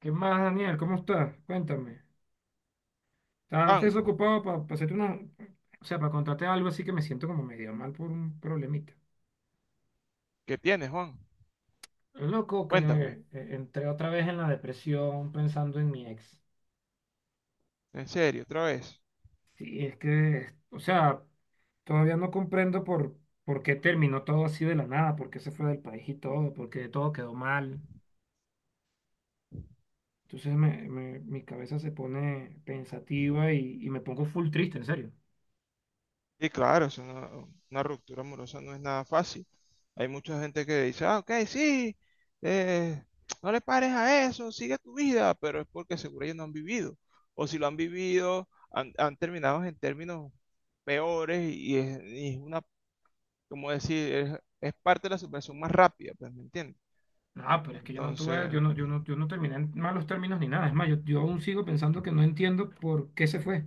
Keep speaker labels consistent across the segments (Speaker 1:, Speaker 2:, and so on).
Speaker 1: ¿Qué más, Daniel? ¿Cómo estás? Cuéntame. ¿Estás
Speaker 2: Juan,
Speaker 1: desocupado para hacerte una. O sea, para contarte algo así que me siento como medio mal por un problemita.
Speaker 2: ¿qué tienes, Juan?
Speaker 1: Loco, que
Speaker 2: Cuéntame,
Speaker 1: entré otra vez en la depresión pensando en mi ex.
Speaker 2: en serio, otra vez.
Speaker 1: Sí, es que, o sea, todavía no comprendo por qué terminó todo así de la nada, por qué se fue del país y todo, por qué todo quedó mal. Entonces mi cabeza se pone pensativa y me pongo full triste, en serio.
Speaker 2: Sí, claro, es una ruptura amorosa no es nada fácil. Hay mucha gente que dice, ah, ok, sí, eh, no le pares a eso, sigue tu vida, pero es porque seguro ellos no han vivido. O si lo han vivido, han terminado en términos peores y y es una, como decir, es parte de la superación más rápida, pues, ¿me entiendes?
Speaker 1: No, pero es que yo no tuve,
Speaker 2: Entonces,
Speaker 1: yo no, yo no, yo no terminé en malos términos ni nada. Es más, yo aún sigo pensando que no entiendo por qué se fue.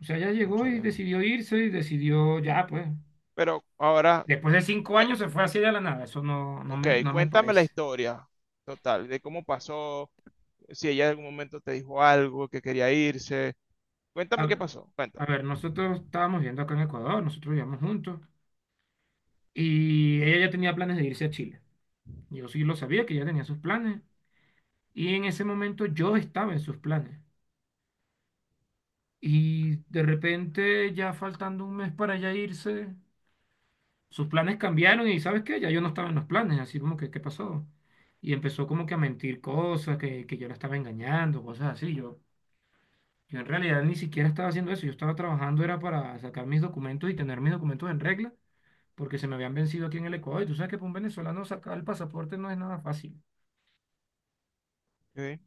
Speaker 1: O sea, ella llegó y
Speaker 2: cónchale.
Speaker 1: decidió irse y decidió ya, pues.
Speaker 2: Pero ahora,
Speaker 1: Después de cinco
Speaker 2: cue-
Speaker 1: años se fue así de la nada. Eso no, no
Speaker 2: ok,
Speaker 1: me, no me
Speaker 2: cuéntame la
Speaker 1: parece.
Speaker 2: historia total, de cómo pasó, si ella en algún momento te dijo algo, que quería irse.
Speaker 1: A
Speaker 2: Cuéntame qué
Speaker 1: ver,
Speaker 2: pasó,
Speaker 1: a
Speaker 2: cuéntame.
Speaker 1: ver, nosotros estábamos viendo acá en Ecuador, nosotros vivíamos juntos y ella ya tenía planes de irse a Chile. Yo sí lo sabía que ella tenía sus planes y en ese momento yo estaba en sus planes. Y de repente, ya faltando un mes para ya irse. Sus planes cambiaron y, ¿sabes qué? Ya yo no estaba en los planes, así como que, ¿qué pasó? Y empezó como que a mentir cosas, que yo la estaba engañando, cosas así. Yo en realidad ni siquiera estaba haciendo eso, yo estaba trabajando, era para sacar mis documentos y tener mis documentos en regla, porque se me habían vencido aquí en el Ecuador. Y tú sabes que para un venezolano sacar el pasaporte no es nada fácil.
Speaker 2: Ok.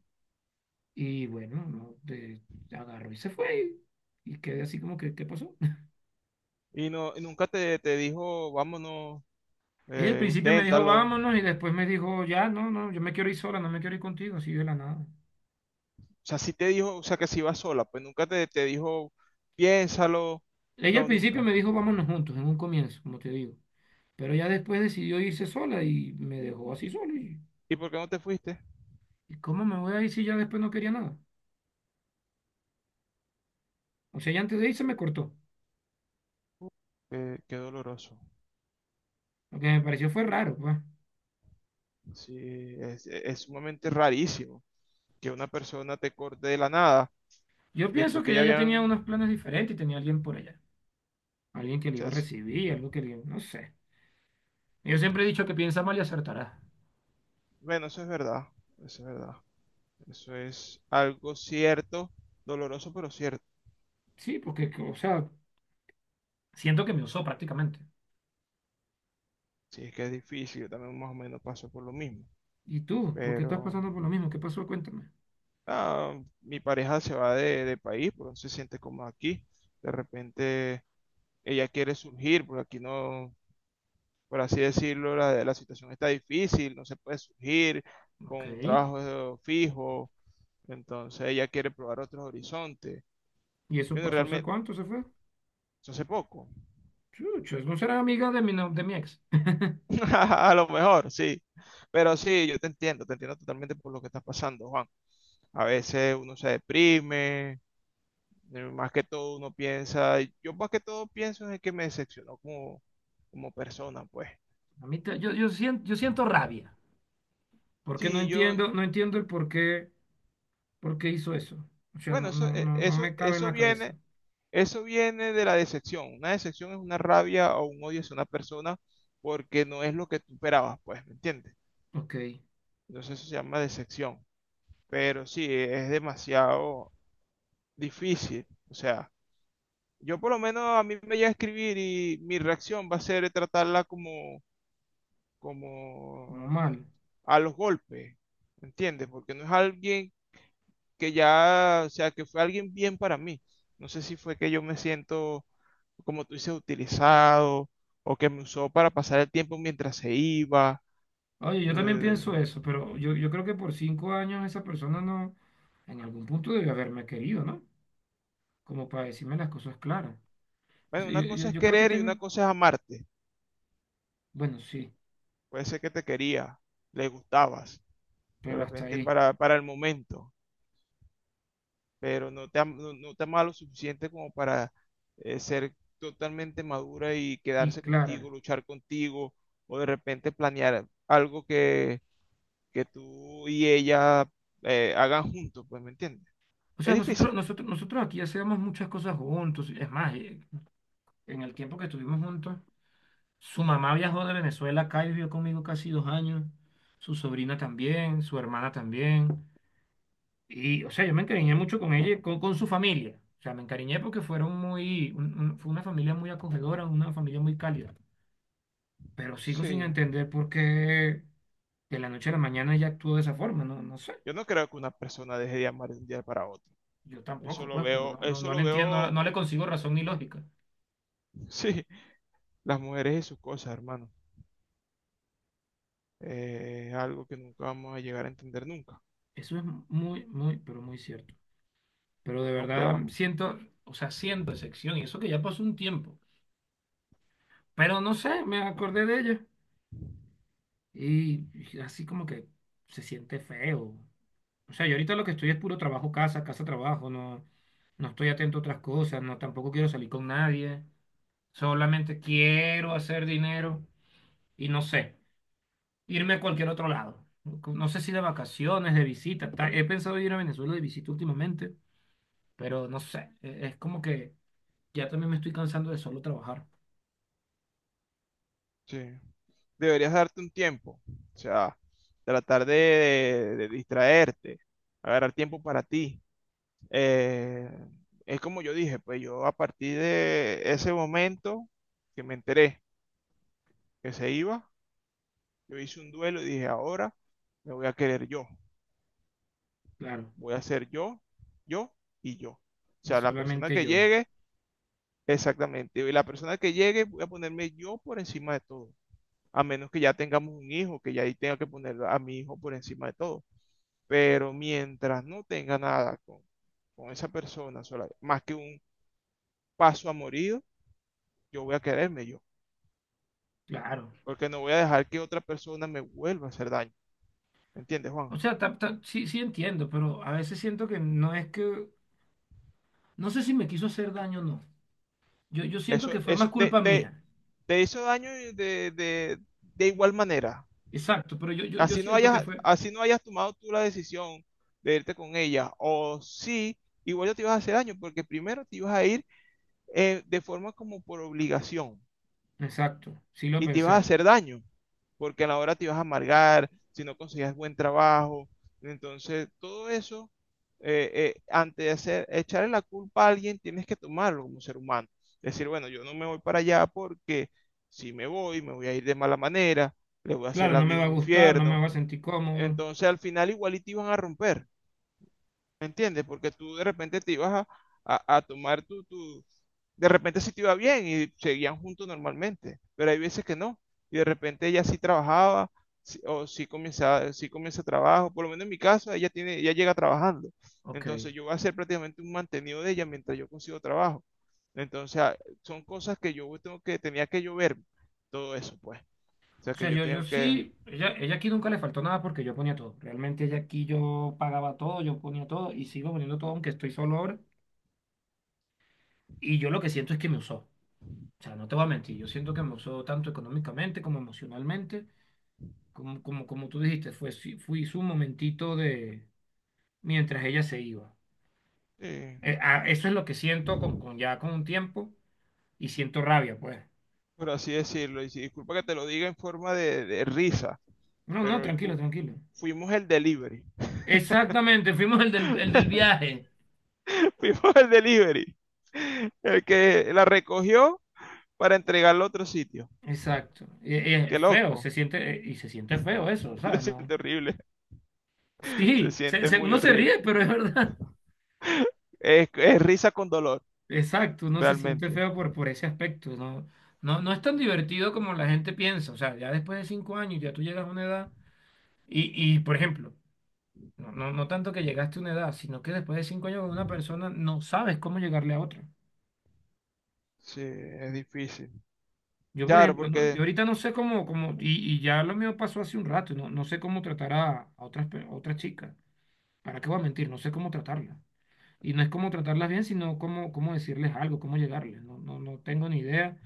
Speaker 1: Y bueno, no, agarró y se fue. Y quedé así como que, ¿qué pasó?
Speaker 2: Y no, y nunca te, te dijo, vámonos,
Speaker 1: Ella al principio me dijo,
Speaker 2: inténtalo. O
Speaker 1: vámonos, y después me dijo, ya, no, no, yo me quiero ir sola, no me quiero ir contigo, así de la nada.
Speaker 2: sea, sí te dijo, o sea, que si iba sola, pues nunca te, te dijo, piénsalo.
Speaker 1: Ella al
Speaker 2: No,
Speaker 1: principio
Speaker 2: nunca.
Speaker 1: me dijo vámonos juntos, en un comienzo, como te digo. Pero ya después decidió irse sola y me dejó así
Speaker 2: ¿Y,
Speaker 1: solo. ¿Y,
Speaker 2: ¿y por qué no te fuiste?
Speaker 1: ¿y cómo me voy a ir si ya después no quería nada? O sea, ya antes de irse me cortó.
Speaker 2: Uh, Qué, qué doloroso.
Speaker 1: Lo que me pareció fue raro, pues.
Speaker 2: Sí, es sumamente rarísimo que una persona te corte de la nada
Speaker 1: Yo pienso
Speaker 2: después
Speaker 1: que
Speaker 2: que ya
Speaker 1: ella ya tenía
Speaker 2: habían...
Speaker 1: unos planes diferentes y tenía alguien por allá. Alguien que
Speaker 2: o
Speaker 1: le iba
Speaker 2: sea,
Speaker 1: a
Speaker 2: es-
Speaker 1: recibir, algo que le. No sé. Yo siempre he dicho que piensa mal y acertará.
Speaker 2: bueno, eso es verdad, eso es verdad. Eso es algo cierto, doloroso pero cierto.
Speaker 1: Sí, porque, o sea, siento que me usó prácticamente.
Speaker 2: Sí, es que es difícil, yo también más o menos paso por lo mismo.
Speaker 1: ¿Y tú? ¿Por qué estás
Speaker 2: Pero
Speaker 1: pasando por lo mismo? ¿Qué pasó? Cuéntame.
Speaker 2: ah, mi pareja se va de país, porque no se siente cómoda aquí. De repente ella quiere surgir, porque aquí no, por así decirlo, la situación está difícil, no se puede surgir con
Speaker 1: Ok.
Speaker 2: un trabajo fijo. Entonces ella quiere probar otros horizontes.
Speaker 1: ¿Y eso
Speaker 2: Yo no,
Speaker 1: pasó hace
Speaker 2: realmente,
Speaker 1: cuánto se fue?
Speaker 2: eso hace poco.
Speaker 1: Chuchos, no será amiga de mi ex.
Speaker 2: A lo mejor, sí. Pero sí, yo te entiendo totalmente por lo que estás pasando, Juan. A veces uno se deprime, más que todo uno piensa, yo más que todo pienso en que me decepcionó como, como persona, pues.
Speaker 1: A mí te- yo, yo siento rabia, porque no
Speaker 2: Sí, yo,
Speaker 1: entiendo, no entiendo el por qué hizo eso. O sea,
Speaker 2: bueno,
Speaker 1: no, no, no, no me cabe en la cabeza.
Speaker 2: eso viene de la decepción. Una decepción es una rabia o un odio hacia una persona porque no es lo que tú esperabas, pues, ¿me entiendes?
Speaker 1: Ok,
Speaker 2: Entonces eso se llama decepción. Pero sí, es demasiado difícil. O sea, yo por lo menos a mí me voy a escribir y mi reacción va a ser tratarla como,
Speaker 1: como
Speaker 2: como
Speaker 1: mal.
Speaker 2: a los golpes, ¿entiendes? Porque no es alguien que ya, o sea, que fue alguien bien para mí. No sé si fue que yo me siento, como tú dices, utilizado o que me usó para pasar el tiempo mientras se iba.
Speaker 1: Oye, yo también
Speaker 2: Eh,
Speaker 1: pienso eso, pero yo creo que por 5 años esa persona no, en algún punto debe haberme querido, ¿no? Como para decirme las cosas claras. Es-
Speaker 2: bueno,
Speaker 1: Yo,
Speaker 2: una
Speaker 1: yo-
Speaker 2: cosa es
Speaker 1: yo creo que
Speaker 2: querer y una
Speaker 1: tengo,
Speaker 2: cosa es amarte.
Speaker 1: bueno, sí,
Speaker 2: Puede ser que te quería, le gustabas, de
Speaker 1: pero hasta
Speaker 2: repente
Speaker 1: ahí.
Speaker 2: para el momento, pero no te, no, no te ama lo suficiente como para ser totalmente madura y
Speaker 1: Y
Speaker 2: quedarse contigo,
Speaker 1: clara.
Speaker 2: luchar contigo, o de repente planear algo que tú y ella hagan juntos, pues, ¿me entiendes?
Speaker 1: O
Speaker 2: Es
Speaker 1: sea, nosotros,
Speaker 2: difícil.
Speaker 1: nosotros, nosotros aquí hacemos muchas cosas juntos. Es más, en el tiempo que estuvimos juntos, su mamá viajó de Venezuela acá y vivió conmigo casi 2 años, su sobrina también, su hermana también, y o sea, yo me encariñé mucho con ella, y con su familia, o sea, me encariñé porque fueron fue una familia muy acogedora, una familia muy cálida, pero sigo sin
Speaker 2: Sí,
Speaker 1: entender por qué de la noche a la mañana ella actuó de esa forma, no sé,
Speaker 2: yo no creo que una persona deje de amar de un día para otro.
Speaker 1: yo tampoco, pues, pero no, no,
Speaker 2: Eso
Speaker 1: no
Speaker 2: lo
Speaker 1: le entiendo,
Speaker 2: veo,
Speaker 1: no le consigo razón ni lógica.
Speaker 2: sí, las mujeres y sus cosas, hermano. Es algo que nunca vamos a llegar a entender nunca.
Speaker 1: Eso es muy, muy, pero muy cierto. Pero de
Speaker 2: Nunca lo
Speaker 1: verdad
Speaker 2: vamos.
Speaker 1: siento, o sea, siento decepción y eso que ya pasó un tiempo. Pero no sé, me acordé de ella y así como que se siente feo. O sea, yo ahorita lo que estoy es puro trabajo, casa, casa, trabajo, no estoy atento a otras cosas, no, tampoco quiero salir con nadie, solamente quiero hacer dinero y no sé, irme a cualquier otro lado. No sé si de vacaciones, de visita, tal. He pensado ir a Venezuela de visita últimamente, pero no sé, es como que ya también me estoy cansando de solo trabajar.
Speaker 2: Sí, deberías darte un tiempo, o sea, de distraerte, agarrar tiempo para ti. Eh, es como yo dije, pues yo a partir de ese momento que me enteré que se iba, yo hice un duelo y dije, ahora me voy a querer yo,
Speaker 1: Claro,
Speaker 2: voy a ser yo, yo y yo. O
Speaker 1: y
Speaker 2: sea, la persona
Speaker 1: solamente
Speaker 2: que
Speaker 1: yo,
Speaker 2: llegue, exactamente, y la persona que llegue voy a ponerme yo por encima de todo. A menos que ya tengamos un hijo, que ya ahí tenga que poner a mi hijo por encima de todo. Pero mientras no tenga nada con, con esa persona sola, más que un paso a yo voy a quererme yo,
Speaker 1: claro.
Speaker 2: porque no voy a dejar que otra persona me vuelva a hacer daño. ¿Me entiendes,
Speaker 1: O
Speaker 2: Juan?
Speaker 1: sea, sí entiendo, pero a veces siento que no es que, no sé si me quiso hacer daño o no. Yo siento
Speaker 2: Eso,
Speaker 1: que fue
Speaker 2: eso
Speaker 1: más
Speaker 2: te,
Speaker 1: culpa
Speaker 2: te-
Speaker 1: mía.
Speaker 2: Te hizo daño y de igual manera.
Speaker 1: Exacto, pero yo siento que fue.
Speaker 2: Así no hayas tomado tú la decisión de irte con ella, o sí, igual ya te ibas a hacer daño, porque primero te ibas a ir de forma como por obligación,
Speaker 1: Exacto, sí lo
Speaker 2: y te ibas a
Speaker 1: pensé.
Speaker 2: hacer daño, porque a la hora te ibas a amargar, si no conseguías buen trabajo. Entonces, todo eso, eh, antes de hacer, echarle la culpa a alguien, tienes que tomarlo como ser humano. Decir, bueno, yo no me voy para allá porque si me voy, me voy a ir de mala manera, le voy a hacer
Speaker 1: Claro,
Speaker 2: la
Speaker 1: no me
Speaker 2: vida
Speaker 1: va a
Speaker 2: un
Speaker 1: gustar, no me
Speaker 2: infierno.
Speaker 1: va a sentir cómodo.
Speaker 2: Entonces, al final, igual y te iban a romper, ¿me entiendes? Porque tú de repente te ibas a, a tomar tu, de repente sí te iba bien y seguían juntos normalmente, pero hay veces que no. Y de repente ella sí trabajaba o sí comienza trabajo. Por lo menos en mi caso, ella tiene, ella llega trabajando.
Speaker 1: Ok.
Speaker 2: Entonces yo voy a ser prácticamente un mantenido de ella mientras yo consigo trabajo. Entonces son cosas que yo tengo que, tenía que yo ver todo eso, pues. O sea
Speaker 1: O
Speaker 2: que
Speaker 1: sea,
Speaker 2: yo
Speaker 1: yo
Speaker 2: tengo que,
Speaker 1: sí, ella aquí nunca le faltó nada porque yo ponía todo. Realmente ella aquí yo pagaba todo, yo ponía todo y sigo poniendo todo aunque estoy solo ahora. Y yo lo que siento es que me usó. O sea, no te voy a mentir, yo siento que me usó tanto económicamente como emocionalmente, como tú dijiste, fue, sí, fui su momentito de mientras ella se iba.
Speaker 2: eh,
Speaker 1: Eso es lo que siento con ya con un tiempo y siento rabia, pues.
Speaker 2: por así decirlo, y disculpa que te lo diga en forma de risa,
Speaker 1: No, no,
Speaker 2: pero
Speaker 1: tranquilo, tranquilo.
Speaker 2: fuimos el delivery.
Speaker 1: Exactamente, fuimos el del viaje.
Speaker 2: Fuimos al delivery. El que la recogió para entregarla a otro sitio.
Speaker 1: Exacto.
Speaker 2: Qué
Speaker 1: Feo, se
Speaker 2: loco.
Speaker 1: siente, y se siente feo eso, ¿sabes?
Speaker 2: Se
Speaker 1: No.
Speaker 2: siente horrible. Se
Speaker 1: Sí,
Speaker 2: siente muy
Speaker 1: uno se
Speaker 2: horrible.
Speaker 1: ríe, pero es verdad.
Speaker 2: Es risa con dolor,
Speaker 1: Exacto, uno se siente
Speaker 2: realmente.
Speaker 1: feo por ese aspecto, ¿no? No, no es tan divertido como la gente piensa, o sea, ya después de 5 años ya tú llegas a una edad y, y por ejemplo, no tanto que llegaste a una edad, sino que después de 5 años con una persona no sabes cómo llegarle a otra.
Speaker 2: Sí, es difícil.
Speaker 1: Yo, por
Speaker 2: Claro,
Speaker 1: ejemplo, yo
Speaker 2: porque
Speaker 1: ahorita no sé cómo y ya lo mío pasó hace un rato, no sé cómo tratar a otras, a otras chicas. ¿Para qué voy a mentir? No sé cómo tratarlas. Y no es cómo tratarlas bien, sino cómo decirles algo, cómo llegarles. No, no, no tengo ni idea.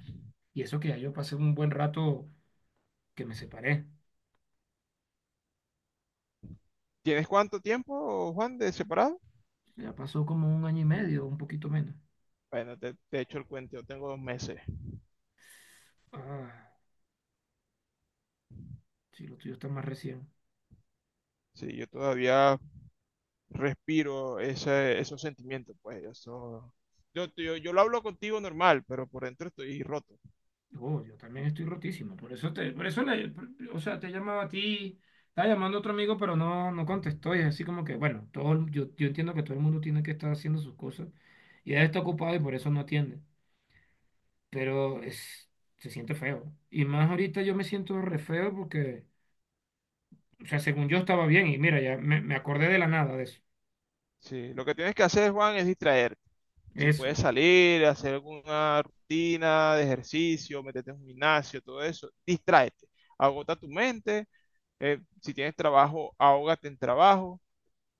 Speaker 1: Y eso que ya yo pasé un buen rato que me separé.
Speaker 2: ¿tienes cuánto tiempo, Juan, de separado?
Speaker 1: Ya pasó como un año y medio, un poquito menos.
Speaker 2: Bueno, te echo el cuento, yo tengo 2 meses.
Speaker 1: Ah, sí, lo tuyo está más recién.
Speaker 2: Sí, yo todavía respiro ese, esos sentimientos, pues, eso... Yo lo hablo contigo normal, pero por dentro estoy roto.
Speaker 1: Oh, yo también estoy rotísimo. Por eso te, por eso le- por- o sea, te llamaba a ti, estaba llamando a otro amigo, pero no contestó. Y es así como que, bueno, yo entiendo que todo el mundo tiene que estar haciendo sus cosas. Y él está ocupado y por eso no atiende. Pero es, se siente feo. Y más ahorita yo me siento re feo porque, o sea, según yo estaba bien. Y mira, ya me acordé de la nada de eso.
Speaker 2: Sí, lo que tienes que hacer, Juan, es distraer. Si
Speaker 1: Eso,
Speaker 2: puedes salir, hacer alguna rutina de ejercicio, meterte en un gimnasio, todo eso, distráete. Agota tu mente. Si tienes trabajo, ahógate en trabajo.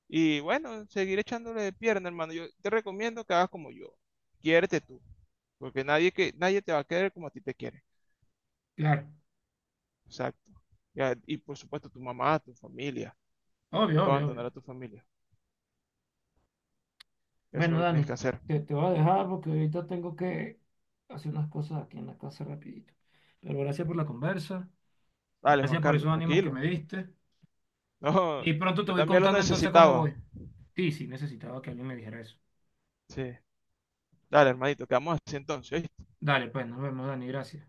Speaker 2: Y bueno, seguir echándole de pierna, hermano. Yo te recomiendo que hagas como yo. Quiérete tú, porque nadie, que, nadie te va a querer como a ti te quieren.
Speaker 1: claro.
Speaker 2: Exacto. Ya, y por supuesto tu mamá, tu familia.
Speaker 1: Obvio,
Speaker 2: Nunca
Speaker 1: obvio, obvio.
Speaker 2: abandonar a tu familia. Eso es lo
Speaker 1: Bueno,
Speaker 2: que tienes que
Speaker 1: Dani,
Speaker 2: hacer.
Speaker 1: te voy a dejar porque ahorita tengo que hacer unas cosas aquí en la casa rapidito. Pero gracias por la conversa,
Speaker 2: Dale, Juan
Speaker 1: gracias por
Speaker 2: Carlos,
Speaker 1: esos ánimos que
Speaker 2: tranquilo.
Speaker 1: me diste.
Speaker 2: No,
Speaker 1: Y pronto te
Speaker 2: yo
Speaker 1: voy
Speaker 2: también lo
Speaker 1: contando entonces cómo
Speaker 2: necesitaba.
Speaker 1: voy. Sí, sí, necesitaba que alguien me dijera eso.
Speaker 2: Sí. Dale, hermanito, quedamos así entonces.
Speaker 1: Dale, pues, nos vemos, Dani, gracias.